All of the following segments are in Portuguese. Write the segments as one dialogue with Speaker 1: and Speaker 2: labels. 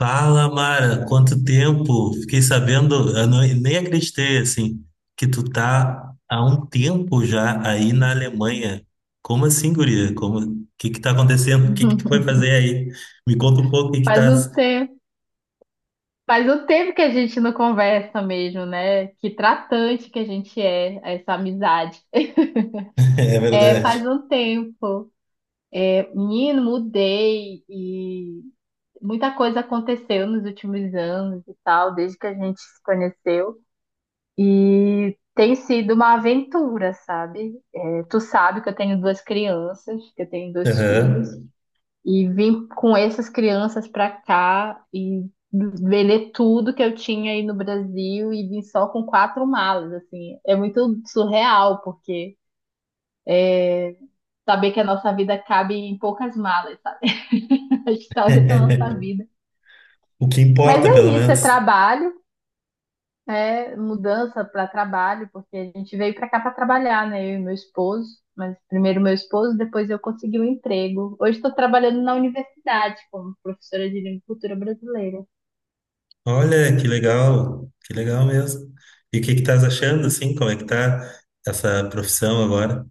Speaker 1: Fala, Mara, quanto tempo? Fiquei sabendo, eu não- nem acreditei, assim, que tu tá há um tempo já aí na Alemanha. Como assim, guria? O que que tá acontecendo? O que que tu foi fazer aí? Me conta um pouco o que que
Speaker 2: Faz
Speaker 1: tá.
Speaker 2: um tempo, faz um tempo que a gente não conversa mesmo, né? Que tratante que a gente é, essa amizade.
Speaker 1: É
Speaker 2: É,
Speaker 1: verdade.
Speaker 2: faz um tempo. É, menino, mudei e muita coisa aconteceu nos últimos anos e tal, desde que a gente se conheceu. E tem sido uma aventura, sabe? É, tu sabe que eu tenho duas crianças, que eu tenho dois filhos.
Speaker 1: Aham.
Speaker 2: E vim com essas crianças para cá e vender tudo que eu tinha aí no Brasil e vim só com quatro malas, assim. É muito surreal, porque saber que a nossa vida cabe em poucas malas, sabe? A história da nossa vida.
Speaker 1: O que
Speaker 2: Mas
Speaker 1: importa,
Speaker 2: é
Speaker 1: pelo
Speaker 2: isso, é
Speaker 1: menos.
Speaker 2: trabalho, é mudança para trabalho, porque a gente veio para cá para trabalhar, né? Eu e meu esposo, mas primeiro meu esposo, depois eu consegui um emprego. Hoje estou trabalhando na universidade como professora de língua e cultura brasileira.
Speaker 1: Olha, que legal mesmo. E o que que estás achando, assim, como é que tá essa profissão agora?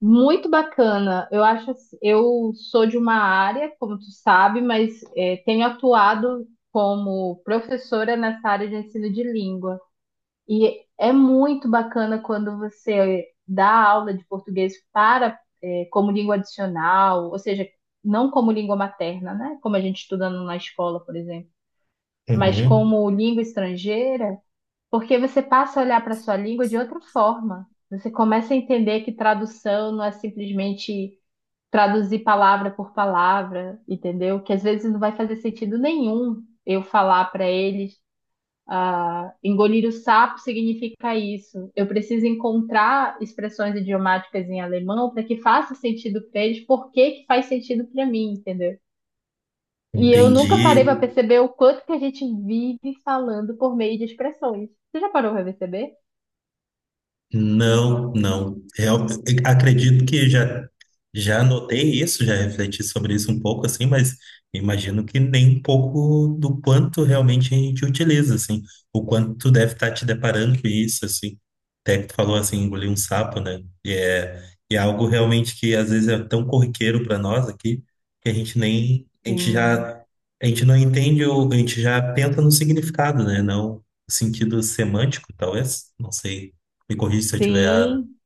Speaker 2: Muito bacana. Eu acho, assim- eu sou de uma área, como tu sabe, mas tenho atuado como professora nessa área de ensino de língua. E é muito bacana quando você dá aula de português para como língua adicional, ou seja, não como língua materna, né? Como a gente estuda na escola, por exemplo, mas
Speaker 1: Uhum.
Speaker 2: como língua estrangeira, porque você passa a olhar para a sua língua de outra forma. Você começa a entender que tradução não é simplesmente traduzir palavra por palavra, entendeu? Que às vezes não vai fazer sentido nenhum eu falar para eles, ah, engolir o sapo significa isso. Eu preciso encontrar expressões idiomáticas em alemão para que faça sentido para eles, por que que faz sentido para mim, entendeu? E eu nunca parei para
Speaker 1: Entendi.
Speaker 2: perceber o quanto que a gente vive falando por meio de expressões. Você já parou para perceber?
Speaker 1: Não, não. Eu acredito que já notei isso, já refleti sobre isso um pouco assim, mas imagino que nem um pouco do quanto realmente a gente utiliza assim, o quanto tu deve estar te deparando com isso assim. Até que tu falou assim, engolir um sapo, né? E é algo realmente que às vezes é tão corriqueiro para nós aqui que
Speaker 2: Sim,
Speaker 1: a gente não entende ou a gente já pensa no significado, né? Não no sentido semântico, talvez, não sei, me corrija se eu estiver errado.
Speaker 2: sim,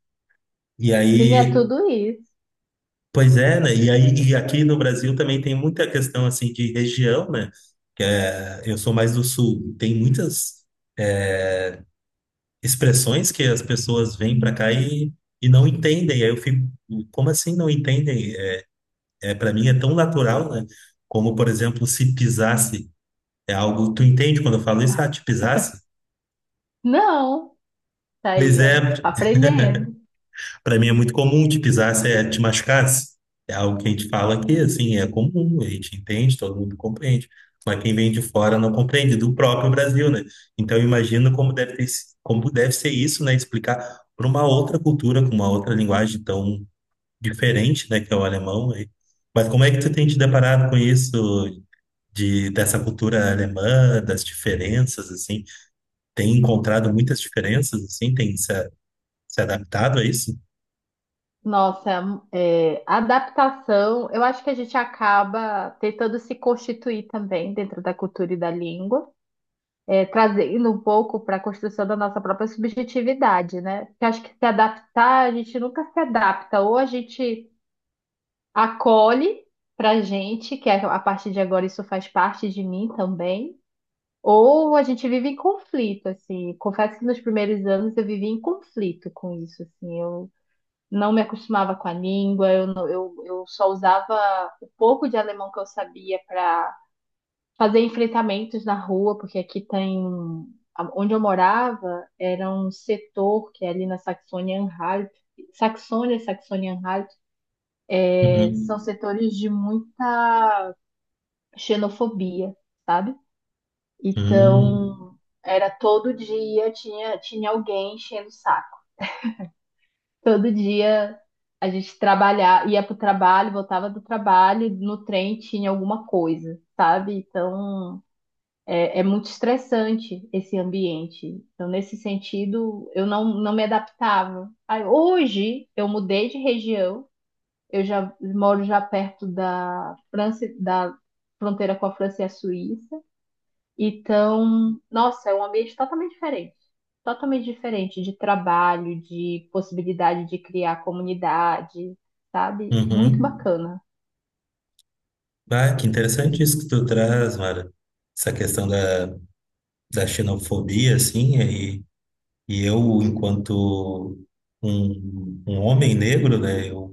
Speaker 1: E
Speaker 2: sim, é
Speaker 1: aí,
Speaker 2: tudo isso.
Speaker 1: pois é, né? E aí, e aqui no Brasil também tem muita questão assim de região, né? Que é, eu sou mais do sul. Tem muitas expressões que as pessoas vêm para cá e não entendem. Aí eu fico, como assim não entendem? É, é para mim é tão natural, né? Como, por exemplo, se pisasse. É algo, tu entende quando eu falo isso? Ah, te pisasse?
Speaker 2: Não, tá
Speaker 1: Pois
Speaker 2: aí,
Speaker 1: é.
Speaker 2: ó, tá aprendendo.
Speaker 1: Para mim é muito comum te pisasse, é, te machucasse. É algo que a gente fala que, assim, é comum, a gente entende, todo mundo compreende. Mas quem vem de fora não compreende, do próprio Brasil, né? Então eu imagino como deve ter, se- como deve ser isso, né? Explicar para uma outra cultura, com uma outra linguagem tão diferente, né? Que é o alemão, né? Mas como é que tu tem te deparado com isso, de, dessa cultura alemã, das diferenças, assim? Tem encontrado muitas diferenças, assim? Tem se adaptado a isso?
Speaker 2: Nossa, é, adaptação, eu acho que a gente acaba tentando se constituir também dentro da cultura e da língua, trazendo um pouco para a construção da nossa própria subjetividade, né? Porque eu acho que se adaptar, a gente nunca se adapta, ou a gente acolhe para gente, que a partir de agora isso faz parte de mim também, ou a gente vive em conflito, assim. Confesso que nos primeiros anos eu vivi em conflito com isso, assim. Eu não me acostumava com a língua, eu, não- eu só usava o pouco de alemão que eu sabia para fazer enfrentamentos na rua, porque aqui tem. Onde eu morava era um setor que é ali na Saxônia-Anhalt. Saxônia, Saxônia-Anhalt, são
Speaker 1: Uhum.
Speaker 2: setores de muita xenofobia, sabe?
Speaker 1: Hum,
Speaker 2: Então, era todo dia tinha, tinha alguém enchendo o saco. Todo dia a gente trabalhar, ia pro trabalho, voltava do trabalho, no trem tinha alguma coisa, sabe? Então é muito estressante esse ambiente. Então, nesse sentido, eu não, não me adaptava. Aí, hoje eu mudei de região, eu já moro já perto da França, da fronteira com a França e a Suíça. Então, nossa, é um ambiente totalmente diferente. Totalmente diferente de trabalho, de possibilidade de criar comunidade, sabe? Muito
Speaker 1: uhum.
Speaker 2: bacana.
Speaker 1: Ah, que interessante isso que tu traz, Mara. Essa questão da xenofobia, assim, e eu, enquanto um homem negro, né. eu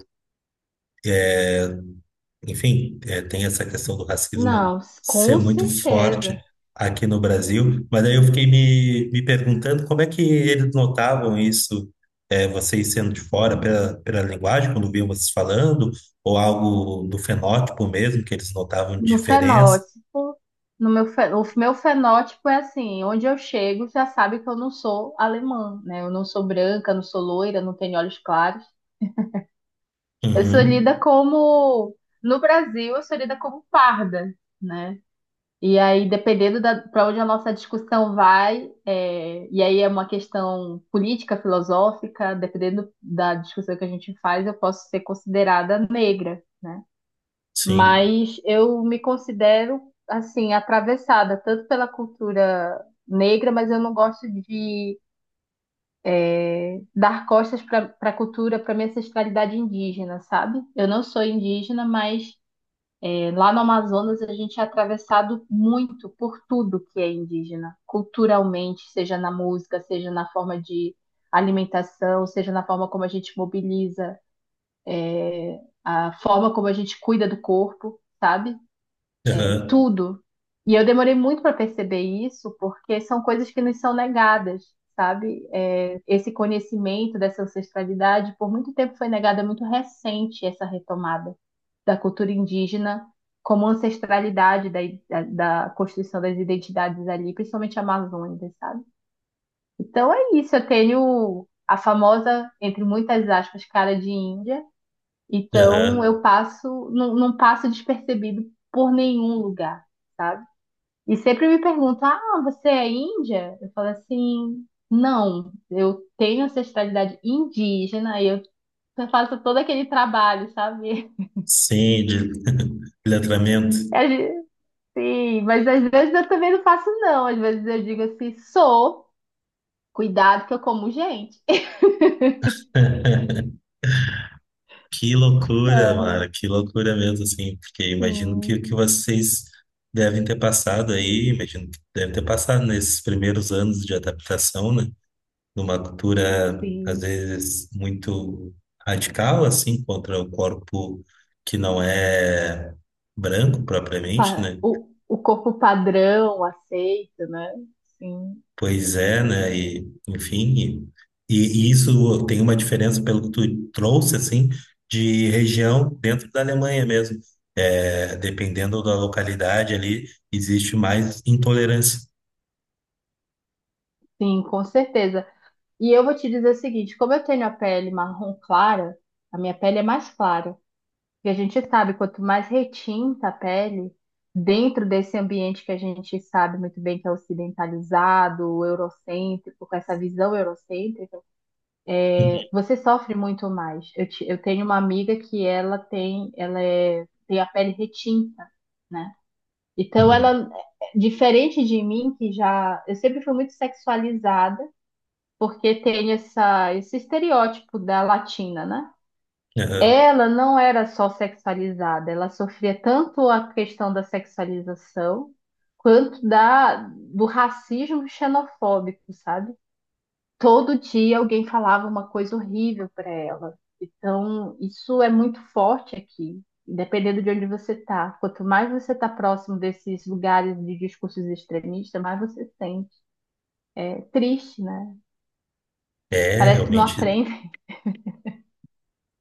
Speaker 1: Enfim, é, tem essa questão do racismo
Speaker 2: Não,
Speaker 1: ser
Speaker 2: com
Speaker 1: muito forte
Speaker 2: certeza.
Speaker 1: aqui no Brasil, mas aí eu fiquei me perguntando como é que eles notavam isso, é, vocês sendo de fora, pela linguagem, quando viam vocês falando, ou algo do fenótipo mesmo, que eles notavam de
Speaker 2: No
Speaker 1: diferença.
Speaker 2: fenótipo, no meu, fe- o meu fenótipo é assim, onde eu chego já sabe que eu não sou alemã, né? Eu não sou branca, não sou loira, não tenho olhos claros. Eu sou lida
Speaker 1: Uhum,
Speaker 2: como, no Brasil, eu sou lida como parda, né? E aí, dependendo para onde a nossa discussão vai, e aí é uma questão política, filosófica, dependendo da discussão que a gente faz, eu posso ser considerada negra, né?
Speaker 1: sim,
Speaker 2: Mas eu me considero, assim, atravessada tanto pela cultura negra, mas eu não gosto de dar costas para a cultura, para minha ancestralidade indígena, sabe? Eu não sou indígena, mas lá no Amazonas, a gente é atravessado muito por tudo que é indígena, culturalmente, seja na música, seja na forma de alimentação, seja na forma como a gente mobiliza, a forma como a gente cuida do corpo, sabe? É,
Speaker 1: aham,
Speaker 2: tudo. E eu demorei muito para perceber isso, porque são coisas que nos são negadas, sabe? É, esse conhecimento dessa ancestralidade, por muito tempo foi negada, é muito recente essa retomada da cultura indígena como ancestralidade da construção das identidades ali, principalmente amazônicas, sabe? Então é isso, eu tenho a famosa, entre muitas aspas, cara de Índia, então
Speaker 1: aham,
Speaker 2: eu passo, não, não passo despercebido por nenhum lugar, sabe? E sempre me perguntam: Ah, você é índia? Eu falo assim: Não, eu tenho ancestralidade indígena e eu faço todo aquele trabalho, sabe?
Speaker 1: sim, de letramento.
Speaker 2: A gente- Sim, mas às vezes eu também não faço, não. Às vezes eu digo assim: Sou, cuidado que eu como gente.
Speaker 1: Que loucura,
Speaker 2: Ah,
Speaker 1: mano, que loucura mesmo, assim, porque imagino que o que
Speaker 2: sim,
Speaker 1: vocês devem ter passado aí, imagino que devem ter passado nesses primeiros anos de adaptação, né? Numa cultura, às
Speaker 2: sim.
Speaker 1: vezes, muito radical, assim, contra o corpo que não é branco propriamente, né?
Speaker 2: O corpo padrão aceita, né? Sim,
Speaker 1: Pois é, né? E, enfim, e isso tem uma diferença pelo que tu trouxe, assim, de região dentro da Alemanha mesmo. É, dependendo da localidade ali, existe mais intolerância.
Speaker 2: sim, com certeza. E eu vou te dizer o seguinte: como eu tenho a pele marrom clara, a minha pele é mais clara. E a gente sabe, quanto mais retinta a pele, dentro desse ambiente que a gente sabe muito bem que é ocidentalizado, eurocêntrico, com essa visão eurocêntrica,
Speaker 1: Uhum,
Speaker 2: você sofre muito mais. Eu tenho uma amiga que ela tem, tem a pele retinta, né? Então
Speaker 1: uhum.
Speaker 2: ela, diferente de mim, que já, eu sempre fui muito sexualizada, porque tem essa, esse estereótipo da latina, né?
Speaker 1: Aham.
Speaker 2: Ela não era só sexualizada, ela sofria tanto a questão da sexualização quanto da do racismo xenofóbico, sabe? Todo dia alguém falava uma coisa horrível para ela. Então, isso é muito forte aqui, dependendo de onde você está. Quanto mais você está próximo desses lugares de discursos extremistas, mais você sente. É triste, né?
Speaker 1: É,
Speaker 2: Parece que não
Speaker 1: realmente.
Speaker 2: aprende.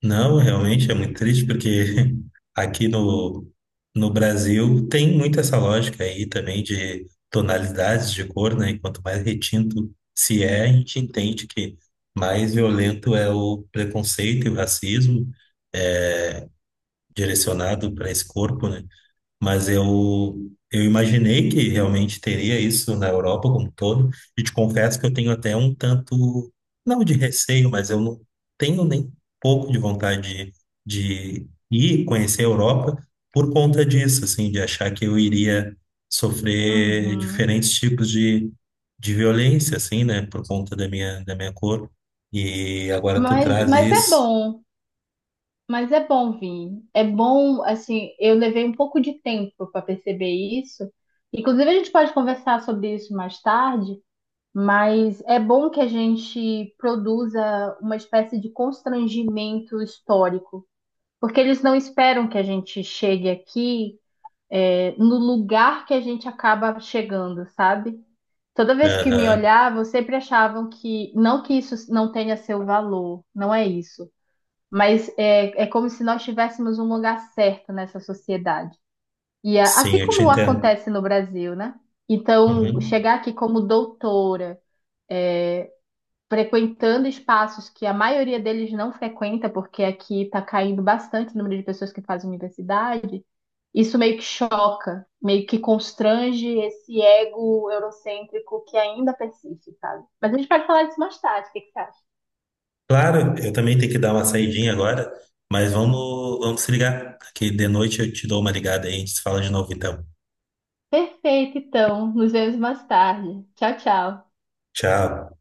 Speaker 1: Não, realmente é muito triste porque aqui no Brasil tem muito essa lógica aí também de tonalidades de cor, né? E quanto mais retinto se é, a gente entende que mais violento é o preconceito e o racismo, eh, direcionado para esse corpo, né? Mas eu imaginei que realmente teria isso na Europa como um todo, e te confesso que eu tenho até um tanto, não de receio, mas eu não tenho nem pouco de vontade de ir conhecer a Europa por conta disso, assim, de achar que eu iria sofrer
Speaker 2: Uhum.
Speaker 1: diferentes tipos de violência, assim, né, por conta da minha cor. E agora tu traz
Speaker 2: Mas é
Speaker 1: isso.
Speaker 2: bom. Mas é bom vir. É bom, assim, eu levei um pouco de tempo para perceber isso. Inclusive, a gente pode conversar sobre isso mais tarde, mas é bom que a gente produza uma espécie de constrangimento histórico, porque eles não esperam que a gente chegue aqui, no lugar que a gente acaba chegando, sabe? Toda vez que me
Speaker 1: Aham.
Speaker 2: olhavam, sempre achavam que, não que isso não tenha seu valor, não é isso, mas é como se nós tivéssemos um lugar certo nessa sociedade. Assim
Speaker 1: Sim, eu te
Speaker 2: como
Speaker 1: entendo.
Speaker 2: acontece no Brasil, né? Então,
Speaker 1: Uhum.
Speaker 2: chegar aqui como doutora, frequentando espaços que a maioria deles não frequenta, porque aqui está caindo bastante o número de pessoas que fazem universidade, isso meio que choca, meio que constrange esse ego eurocêntrico que ainda persiste, sabe? Mas a gente pode falar disso mais tarde, o que que você acha?
Speaker 1: Claro, eu também tenho que dar uma saidinha agora, mas vamos se ligar, que de noite eu te dou uma ligada aí, a gente se fala de novo então.
Speaker 2: Perfeito, então, nos vemos mais tarde. Tchau, tchau.
Speaker 1: Tchau.